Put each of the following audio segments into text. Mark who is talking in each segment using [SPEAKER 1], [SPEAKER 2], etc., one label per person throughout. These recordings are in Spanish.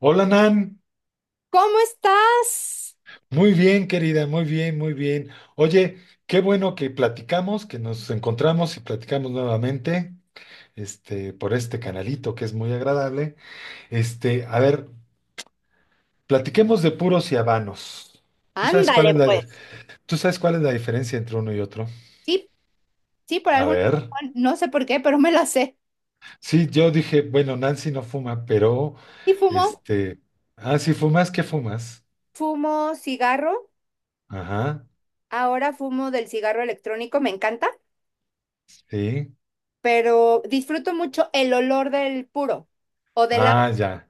[SPEAKER 1] Hola Nan,
[SPEAKER 2] ¿Cómo estás?
[SPEAKER 1] muy bien querida, muy bien, muy bien. Oye, qué bueno que platicamos, que nos encontramos y platicamos nuevamente, por este canalito que es muy agradable. A ver, platiquemos de puros y habanos. ¿Tú sabes cuál
[SPEAKER 2] Ándale,
[SPEAKER 1] es
[SPEAKER 2] pues.
[SPEAKER 1] tú sabes cuál es la diferencia entre uno y otro?
[SPEAKER 2] Sí, sí, por
[SPEAKER 1] A
[SPEAKER 2] alguna
[SPEAKER 1] ver,
[SPEAKER 2] razón, no sé por qué, pero me la sé.
[SPEAKER 1] sí, yo dije, bueno, Nancy no fuma, pero,
[SPEAKER 2] ¿Y fumo?
[SPEAKER 1] este, ah, si fumas, ¿qué fumas?
[SPEAKER 2] Fumo cigarro.
[SPEAKER 1] Ajá,
[SPEAKER 2] Ahora fumo del cigarro electrónico, me encanta,
[SPEAKER 1] sí.
[SPEAKER 2] pero disfruto mucho el olor del puro o de la,
[SPEAKER 1] Ah, ya,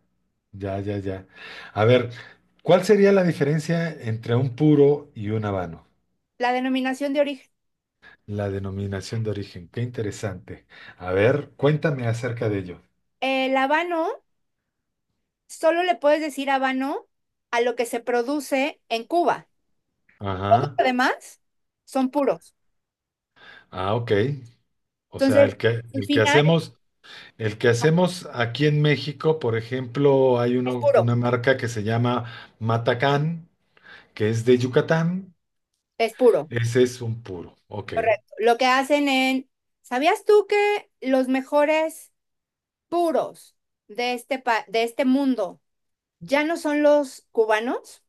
[SPEAKER 1] ya, ya, ya. A ver, ¿cuál sería la diferencia entre un puro y un habano?
[SPEAKER 2] la denominación de origen.
[SPEAKER 1] La denominación de origen, qué interesante. A ver, cuéntame acerca de ello.
[SPEAKER 2] El habano, solo le puedes decir habano a lo que se produce en Cuba.
[SPEAKER 1] Ajá.
[SPEAKER 2] Además, son puros.
[SPEAKER 1] Ah, ok. O sea,
[SPEAKER 2] Entonces, el final
[SPEAKER 1] el que hacemos aquí en México, por ejemplo, hay
[SPEAKER 2] es
[SPEAKER 1] uno,
[SPEAKER 2] puro,
[SPEAKER 1] una marca que se llama Matacán, que es de Yucatán.
[SPEAKER 2] es puro.
[SPEAKER 1] Ese es un puro. Ok.
[SPEAKER 2] Correcto. Lo que hacen en, ¿sabías tú que los mejores puros de este mundo ya no son los cubanos,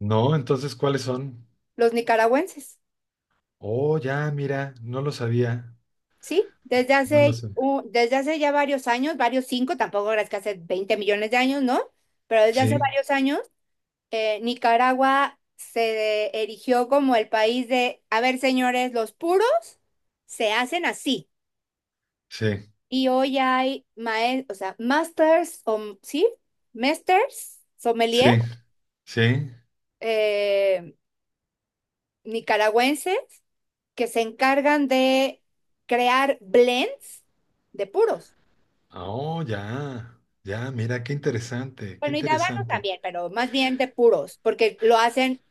[SPEAKER 1] No, entonces, ¿cuáles son?
[SPEAKER 2] los nicaragüenses?
[SPEAKER 1] Oh, ya, mira, no lo sabía.
[SPEAKER 2] Sí,
[SPEAKER 1] No lo sé.
[SPEAKER 2] desde hace ya varios años, varios cinco, tampoco es que hace 20 millones de años, ¿no? Pero desde hace
[SPEAKER 1] Sí,
[SPEAKER 2] varios años, Nicaragua se erigió como el país de, a ver, señores, los puros se hacen así.
[SPEAKER 1] sí,
[SPEAKER 2] Y hoy o sea, masters, o, sí, masters, sommelier,
[SPEAKER 1] sí, sí.
[SPEAKER 2] eh, nicaragüenses, que se encargan de crear blends de puros.
[SPEAKER 1] Oh, ya, ya, mira, qué interesante, qué
[SPEAKER 2] Bueno, y de habanos
[SPEAKER 1] interesante.
[SPEAKER 2] también, pero más bien de puros, porque lo hacen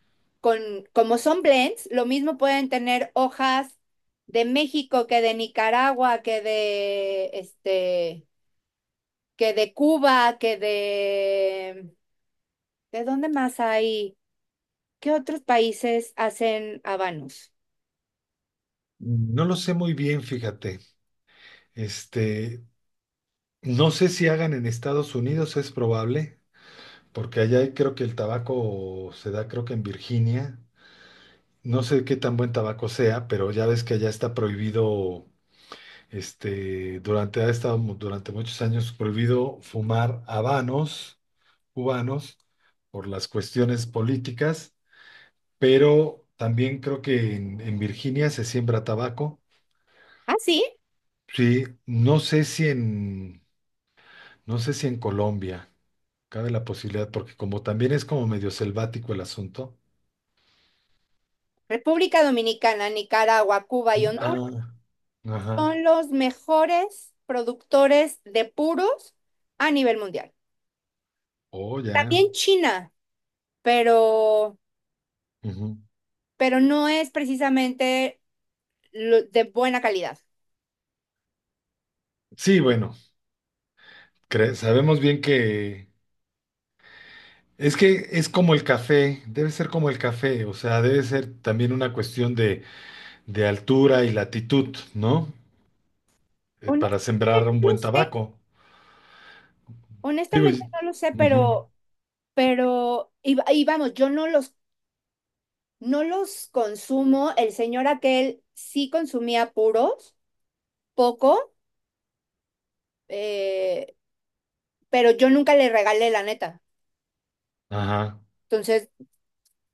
[SPEAKER 2] con, como son blends, lo mismo pueden tener hojas de México que de Nicaragua, que de, que de Cuba, que ¿de dónde más hay? ¿Qué otros países hacen habanos?
[SPEAKER 1] No lo sé muy bien, fíjate. Este, no sé si hagan en Estados Unidos, es probable, porque creo que el tabaco se da, creo que en Virginia. No sé qué tan buen tabaco sea, pero ya ves que allá está prohibido, durante muchos años prohibido fumar habanos cubanos por las cuestiones políticas, pero también creo que en Virginia se siembra tabaco.
[SPEAKER 2] Ah, sí.
[SPEAKER 1] Sí, no sé si en Colombia cabe la posibilidad, porque como también es como medio selvático el asunto.
[SPEAKER 2] República Dominicana, Nicaragua, Cuba y Honduras
[SPEAKER 1] Ah, ajá.
[SPEAKER 2] son los mejores productores de puros a nivel mundial.
[SPEAKER 1] Oh, ya.
[SPEAKER 2] También China, pero,
[SPEAKER 1] Ujú.
[SPEAKER 2] pero no es precisamente de buena calidad.
[SPEAKER 1] Sí, bueno, sabemos bien que es como el café, debe ser como el café, o sea, debe ser también una cuestión de altura y latitud, ¿no? Eh, para
[SPEAKER 2] Honestamente
[SPEAKER 1] sembrar un
[SPEAKER 2] no lo
[SPEAKER 1] buen
[SPEAKER 2] sé,
[SPEAKER 1] tabaco. Digo,
[SPEAKER 2] honestamente
[SPEAKER 1] y-
[SPEAKER 2] no lo sé,
[SPEAKER 1] ujú.
[SPEAKER 2] pero, y vamos, yo no los consumo. El señor aquel sí consumía puros, poco. eh, pero yo nunca le regalé la neta.
[SPEAKER 1] Ajá,
[SPEAKER 2] Entonces,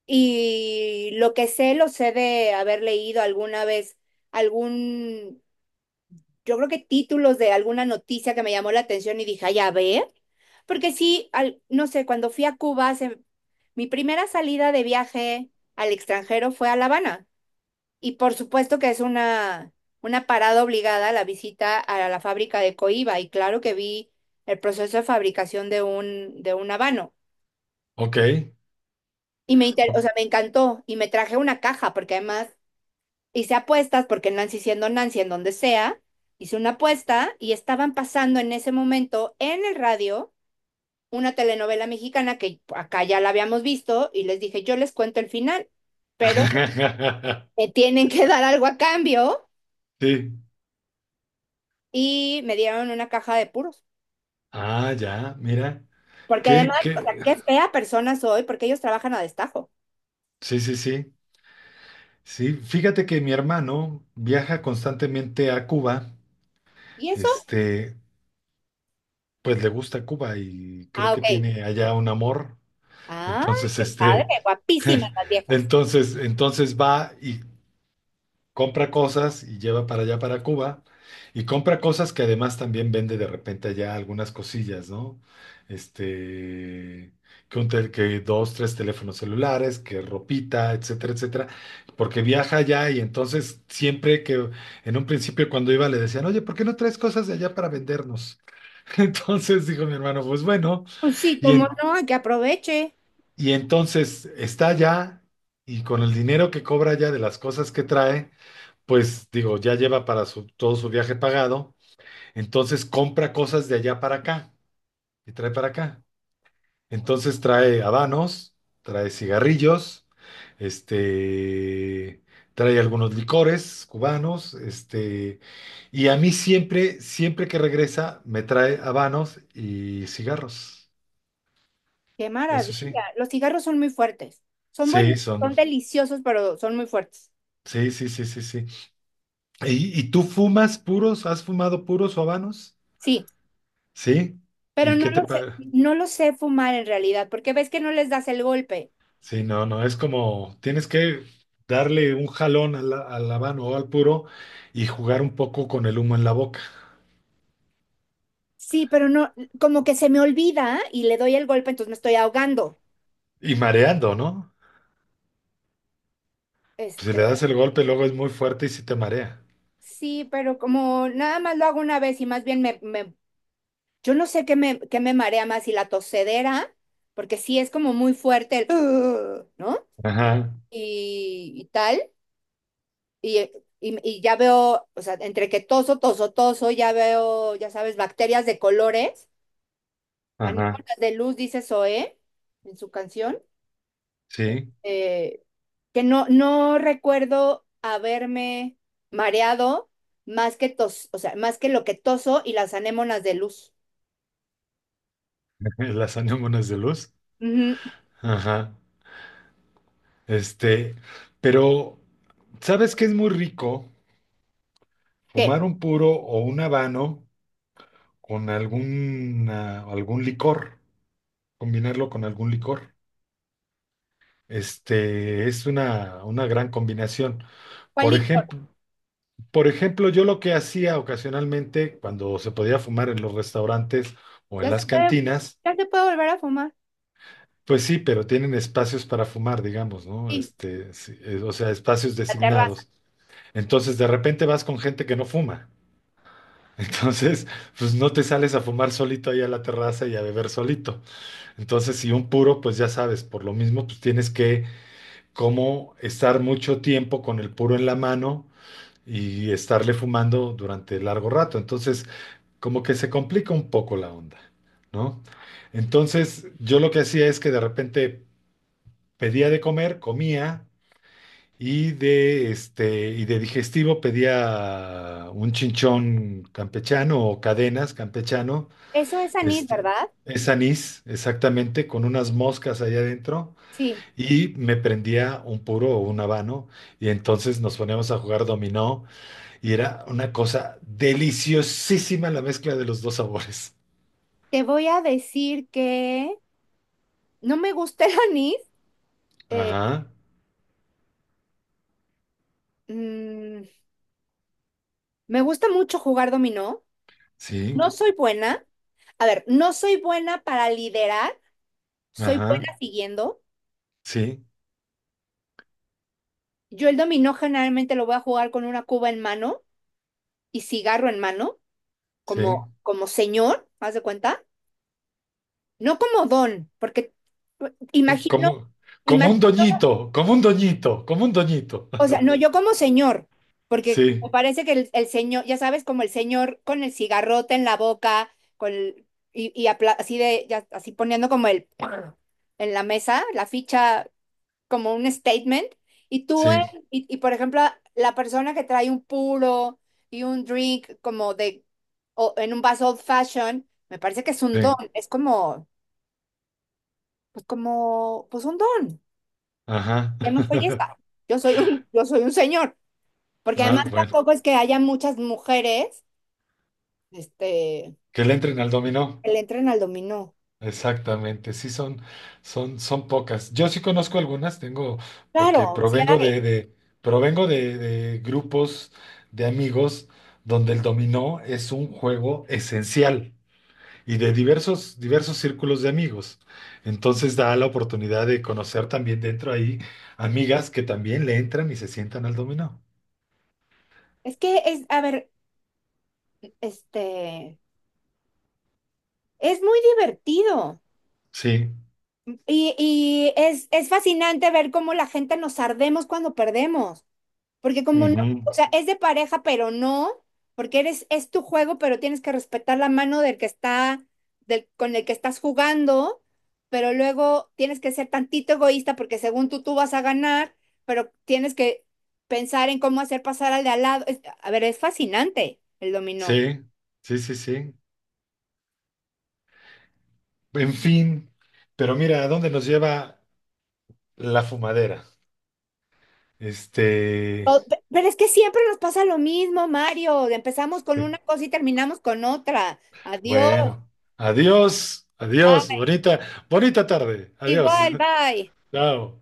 [SPEAKER 2] y lo que sé, lo sé de haber leído alguna vez algún, yo creo que títulos de alguna noticia que me llamó la atención y dije, ay, a ver, porque sí, no sé, cuando fui a Cuba, se- mi primera salida de viaje al extranjero fue a La Habana. Y por supuesto que es una parada obligada la visita a la fábrica de Coiba. Y claro que vi el proceso de fabricación de de un habano.
[SPEAKER 1] ok.
[SPEAKER 2] Y o
[SPEAKER 1] o-
[SPEAKER 2] sea, me encantó y me traje una caja porque además hice apuestas porque Nancy siendo Nancy en donde sea, hice una apuesta y estaban pasando en ese momento en el radio una telenovela mexicana que acá ya la habíamos visto y les dije, yo les cuento el final, pero me tienen que dar algo a cambio
[SPEAKER 1] Sí.
[SPEAKER 2] y me dieron una caja de puros.
[SPEAKER 1] Ah, ya, mira.
[SPEAKER 2] Porque
[SPEAKER 1] ¿Qué,
[SPEAKER 2] además, o
[SPEAKER 1] qué?
[SPEAKER 2] sea, qué fea persona soy porque ellos trabajan a destajo.
[SPEAKER 1] Sí, sí, sí. Sí, fíjate que mi hermano viaja constantemente a Cuba.
[SPEAKER 2] ¿Y eso?
[SPEAKER 1] Este, pues le gusta Cuba y creo
[SPEAKER 2] Ah,
[SPEAKER 1] que
[SPEAKER 2] ok.
[SPEAKER 1] tiene allá un amor.
[SPEAKER 2] Ah,
[SPEAKER 1] Entonces,
[SPEAKER 2] qué padre, guapísimas las viejas.
[SPEAKER 1] entonces va y compra cosas y lleva para allá, para Cuba, y compra cosas que además también vende de repente allá algunas cosillas, ¿no? Este, que dos, tres teléfonos celulares, que ropita, etcétera, etcétera, porque viaja allá y entonces siempre que en un principio cuando iba le decían, oye, ¿por qué no traes cosas de allá para vendernos? Entonces dijo mi hermano, pues bueno,
[SPEAKER 2] Pues sí,
[SPEAKER 1] y,
[SPEAKER 2] como
[SPEAKER 1] en-
[SPEAKER 2] no, que aproveche.
[SPEAKER 1] y entonces está allá y con el dinero que cobra allá de las cosas que trae, pues digo, todo su viaje pagado, entonces compra cosas de allá para acá y trae para acá. Entonces trae habanos, trae cigarrillos, este, trae algunos licores cubanos, y a mí siempre, siempre que regresa, me trae habanos y cigarros.
[SPEAKER 2] Qué
[SPEAKER 1] Eso
[SPEAKER 2] maravilla.
[SPEAKER 1] sí,
[SPEAKER 2] Los cigarros son muy fuertes. Son
[SPEAKER 1] sí,
[SPEAKER 2] buenos,
[SPEAKER 1] son,
[SPEAKER 2] son deliciosos, pero son muy fuertes.
[SPEAKER 1] sí, sí, sí, sí, sí. Y tú fumas puros? ¿Has fumado puros o habanos?
[SPEAKER 2] Sí,
[SPEAKER 1] Sí.
[SPEAKER 2] pero
[SPEAKER 1] ¿Y
[SPEAKER 2] no
[SPEAKER 1] qué te
[SPEAKER 2] lo sé,
[SPEAKER 1] parece?
[SPEAKER 2] no lo sé fumar en realidad, porque ves que no les das el golpe.
[SPEAKER 1] Sí, no, no, es como tienes que darle un jalón a a la mano o al puro y jugar un poco con el humo en la boca
[SPEAKER 2] Sí, pero no, como que se me olvida y le doy el golpe, entonces me estoy ahogando.
[SPEAKER 1] y mareando, ¿no? Pues, si
[SPEAKER 2] Este,
[SPEAKER 1] le das el golpe, luego es muy fuerte y sí te marea.
[SPEAKER 2] sí, pero como nada más lo hago una vez y más bien yo no sé qué me marea más, si la tosedera, porque sí es como muy fuerte el, "Ugh", ¿no?
[SPEAKER 1] Ajá,
[SPEAKER 2] Y tal. Y, y ya veo, o sea, entre que toso, toso, toso, ya veo, ya sabes, bacterias de colores,
[SPEAKER 1] ajá,
[SPEAKER 2] anémonas de luz, dice Zoé en su canción,
[SPEAKER 1] sí,
[SPEAKER 2] eh, que no, no recuerdo haberme mareado más que tos, o sea, más que lo que toso y las anémonas de luz.
[SPEAKER 1] las anémonas de luz.
[SPEAKER 2] Ujú.
[SPEAKER 1] Ajá, este, pero ¿sabes qué es muy rico? Fumar
[SPEAKER 2] ¿Qué?
[SPEAKER 1] un puro o un habano con algún licor, combinarlo con algún licor. Es una gran combinación.
[SPEAKER 2] ¿Cuál
[SPEAKER 1] Por
[SPEAKER 2] licor?
[SPEAKER 1] ejemplo, por ejemplo, yo lo que hacía ocasionalmente cuando se podía fumar en los restaurantes o en
[SPEAKER 2] Ya se
[SPEAKER 1] las
[SPEAKER 2] puede,
[SPEAKER 1] cantinas,
[SPEAKER 2] ya se puede volver a fumar.
[SPEAKER 1] pues sí, pero tienen espacios para fumar, digamos, ¿no?
[SPEAKER 2] Sí,
[SPEAKER 1] Este, sí, o sea, espacios
[SPEAKER 2] la terraza.
[SPEAKER 1] designados. Entonces, de repente vas con gente que no fuma. Entonces, pues no te sales a fumar solito ahí a la terraza y a beber solito. Entonces, si un puro, pues ya sabes, por lo mismo, pues tienes que como estar mucho tiempo con el puro en la mano y estarle fumando durante largo rato. Entonces, como que se complica un poco la onda, ¿no? Entonces, yo lo que hacía es que de repente pedía de comer, comía y de este y de digestivo pedía un chinchón campechano o cadenas campechano,
[SPEAKER 2] Eso es anís,
[SPEAKER 1] este
[SPEAKER 2] ¿verdad?
[SPEAKER 1] es anís, exactamente, con unas moscas allá adentro,
[SPEAKER 2] Sí.
[SPEAKER 1] y me prendía un puro o un habano, y entonces nos poníamos a jugar dominó, y era una cosa deliciosísima la mezcla de los dos sabores.
[SPEAKER 2] Te voy a decir que no me gusta el anís. Eh,
[SPEAKER 1] Ajá,
[SPEAKER 2] mm, me gusta mucho jugar dominó.
[SPEAKER 1] sí,
[SPEAKER 2] No soy buena. A ver, no soy buena para liderar, soy buena
[SPEAKER 1] ajá,
[SPEAKER 2] siguiendo.
[SPEAKER 1] sí,
[SPEAKER 2] Yo el dominó generalmente lo voy a jugar con una cuba en mano y cigarro en mano,
[SPEAKER 1] sí.
[SPEAKER 2] como, como señor, haz de cuenta. No como don, porque imagino,
[SPEAKER 1] Como, como
[SPEAKER 2] imagino.
[SPEAKER 1] un doñito, como un doñito, como un doñito.
[SPEAKER 2] O sea, no, yo como señor, porque me
[SPEAKER 1] Sí,
[SPEAKER 2] parece que el señor, ya sabes, como el señor con el cigarrote en la boca, con el- y, así de, así poniendo como el en la mesa, la ficha como un statement, y tú,
[SPEAKER 1] sí,
[SPEAKER 2] y por ejemplo, la persona que trae un puro y un drink como de, o en un vaso old fashion, me parece que es un don,
[SPEAKER 1] sí,
[SPEAKER 2] es como, pues un don,
[SPEAKER 1] ajá.
[SPEAKER 2] yo no soy esa, yo soy yo soy un señor. Porque
[SPEAKER 1] Ah,
[SPEAKER 2] además
[SPEAKER 1] bueno,
[SPEAKER 2] tampoco es que haya muchas mujeres, este,
[SPEAKER 1] que le entren al dominó.
[SPEAKER 2] que le entren al dominó.
[SPEAKER 1] Exactamente, son, son pocas. Yo sí conozco algunas, porque
[SPEAKER 2] Claro, sí hay.
[SPEAKER 1] provengo de grupos de amigos donde el dominó es un juego esencial y de diversos, diversos círculos de amigos. Entonces da la oportunidad de conocer también dentro ahí amigas que también le entran y se sientan al dominó.
[SPEAKER 2] Es que es, a ver, este, es muy divertido
[SPEAKER 1] Sí,
[SPEAKER 2] y es fascinante ver cómo la gente nos ardemos cuando perdemos. Porque como no,
[SPEAKER 1] ujú,
[SPEAKER 2] o sea, es de pareja, pero no, porque eres, es tu juego, pero tienes que respetar la mano del que está, del, con el que estás jugando, pero luego tienes que ser tantito egoísta porque según tú, tú vas a ganar, pero tienes que pensar en cómo hacer pasar al de al lado. A ver, es fascinante el dominó.
[SPEAKER 1] sí, sí, sí, sí. En fin, pero mira, ¿a dónde nos lleva la fumadera? Este,
[SPEAKER 2] Pero es que siempre nos pasa lo mismo, Mario. Empezamos con una cosa y terminamos con otra. Adiós,
[SPEAKER 1] bueno, adiós, adiós,
[SPEAKER 2] bye,
[SPEAKER 1] bonita, bonita tarde, adiós,
[SPEAKER 2] igual, bye.
[SPEAKER 1] chao.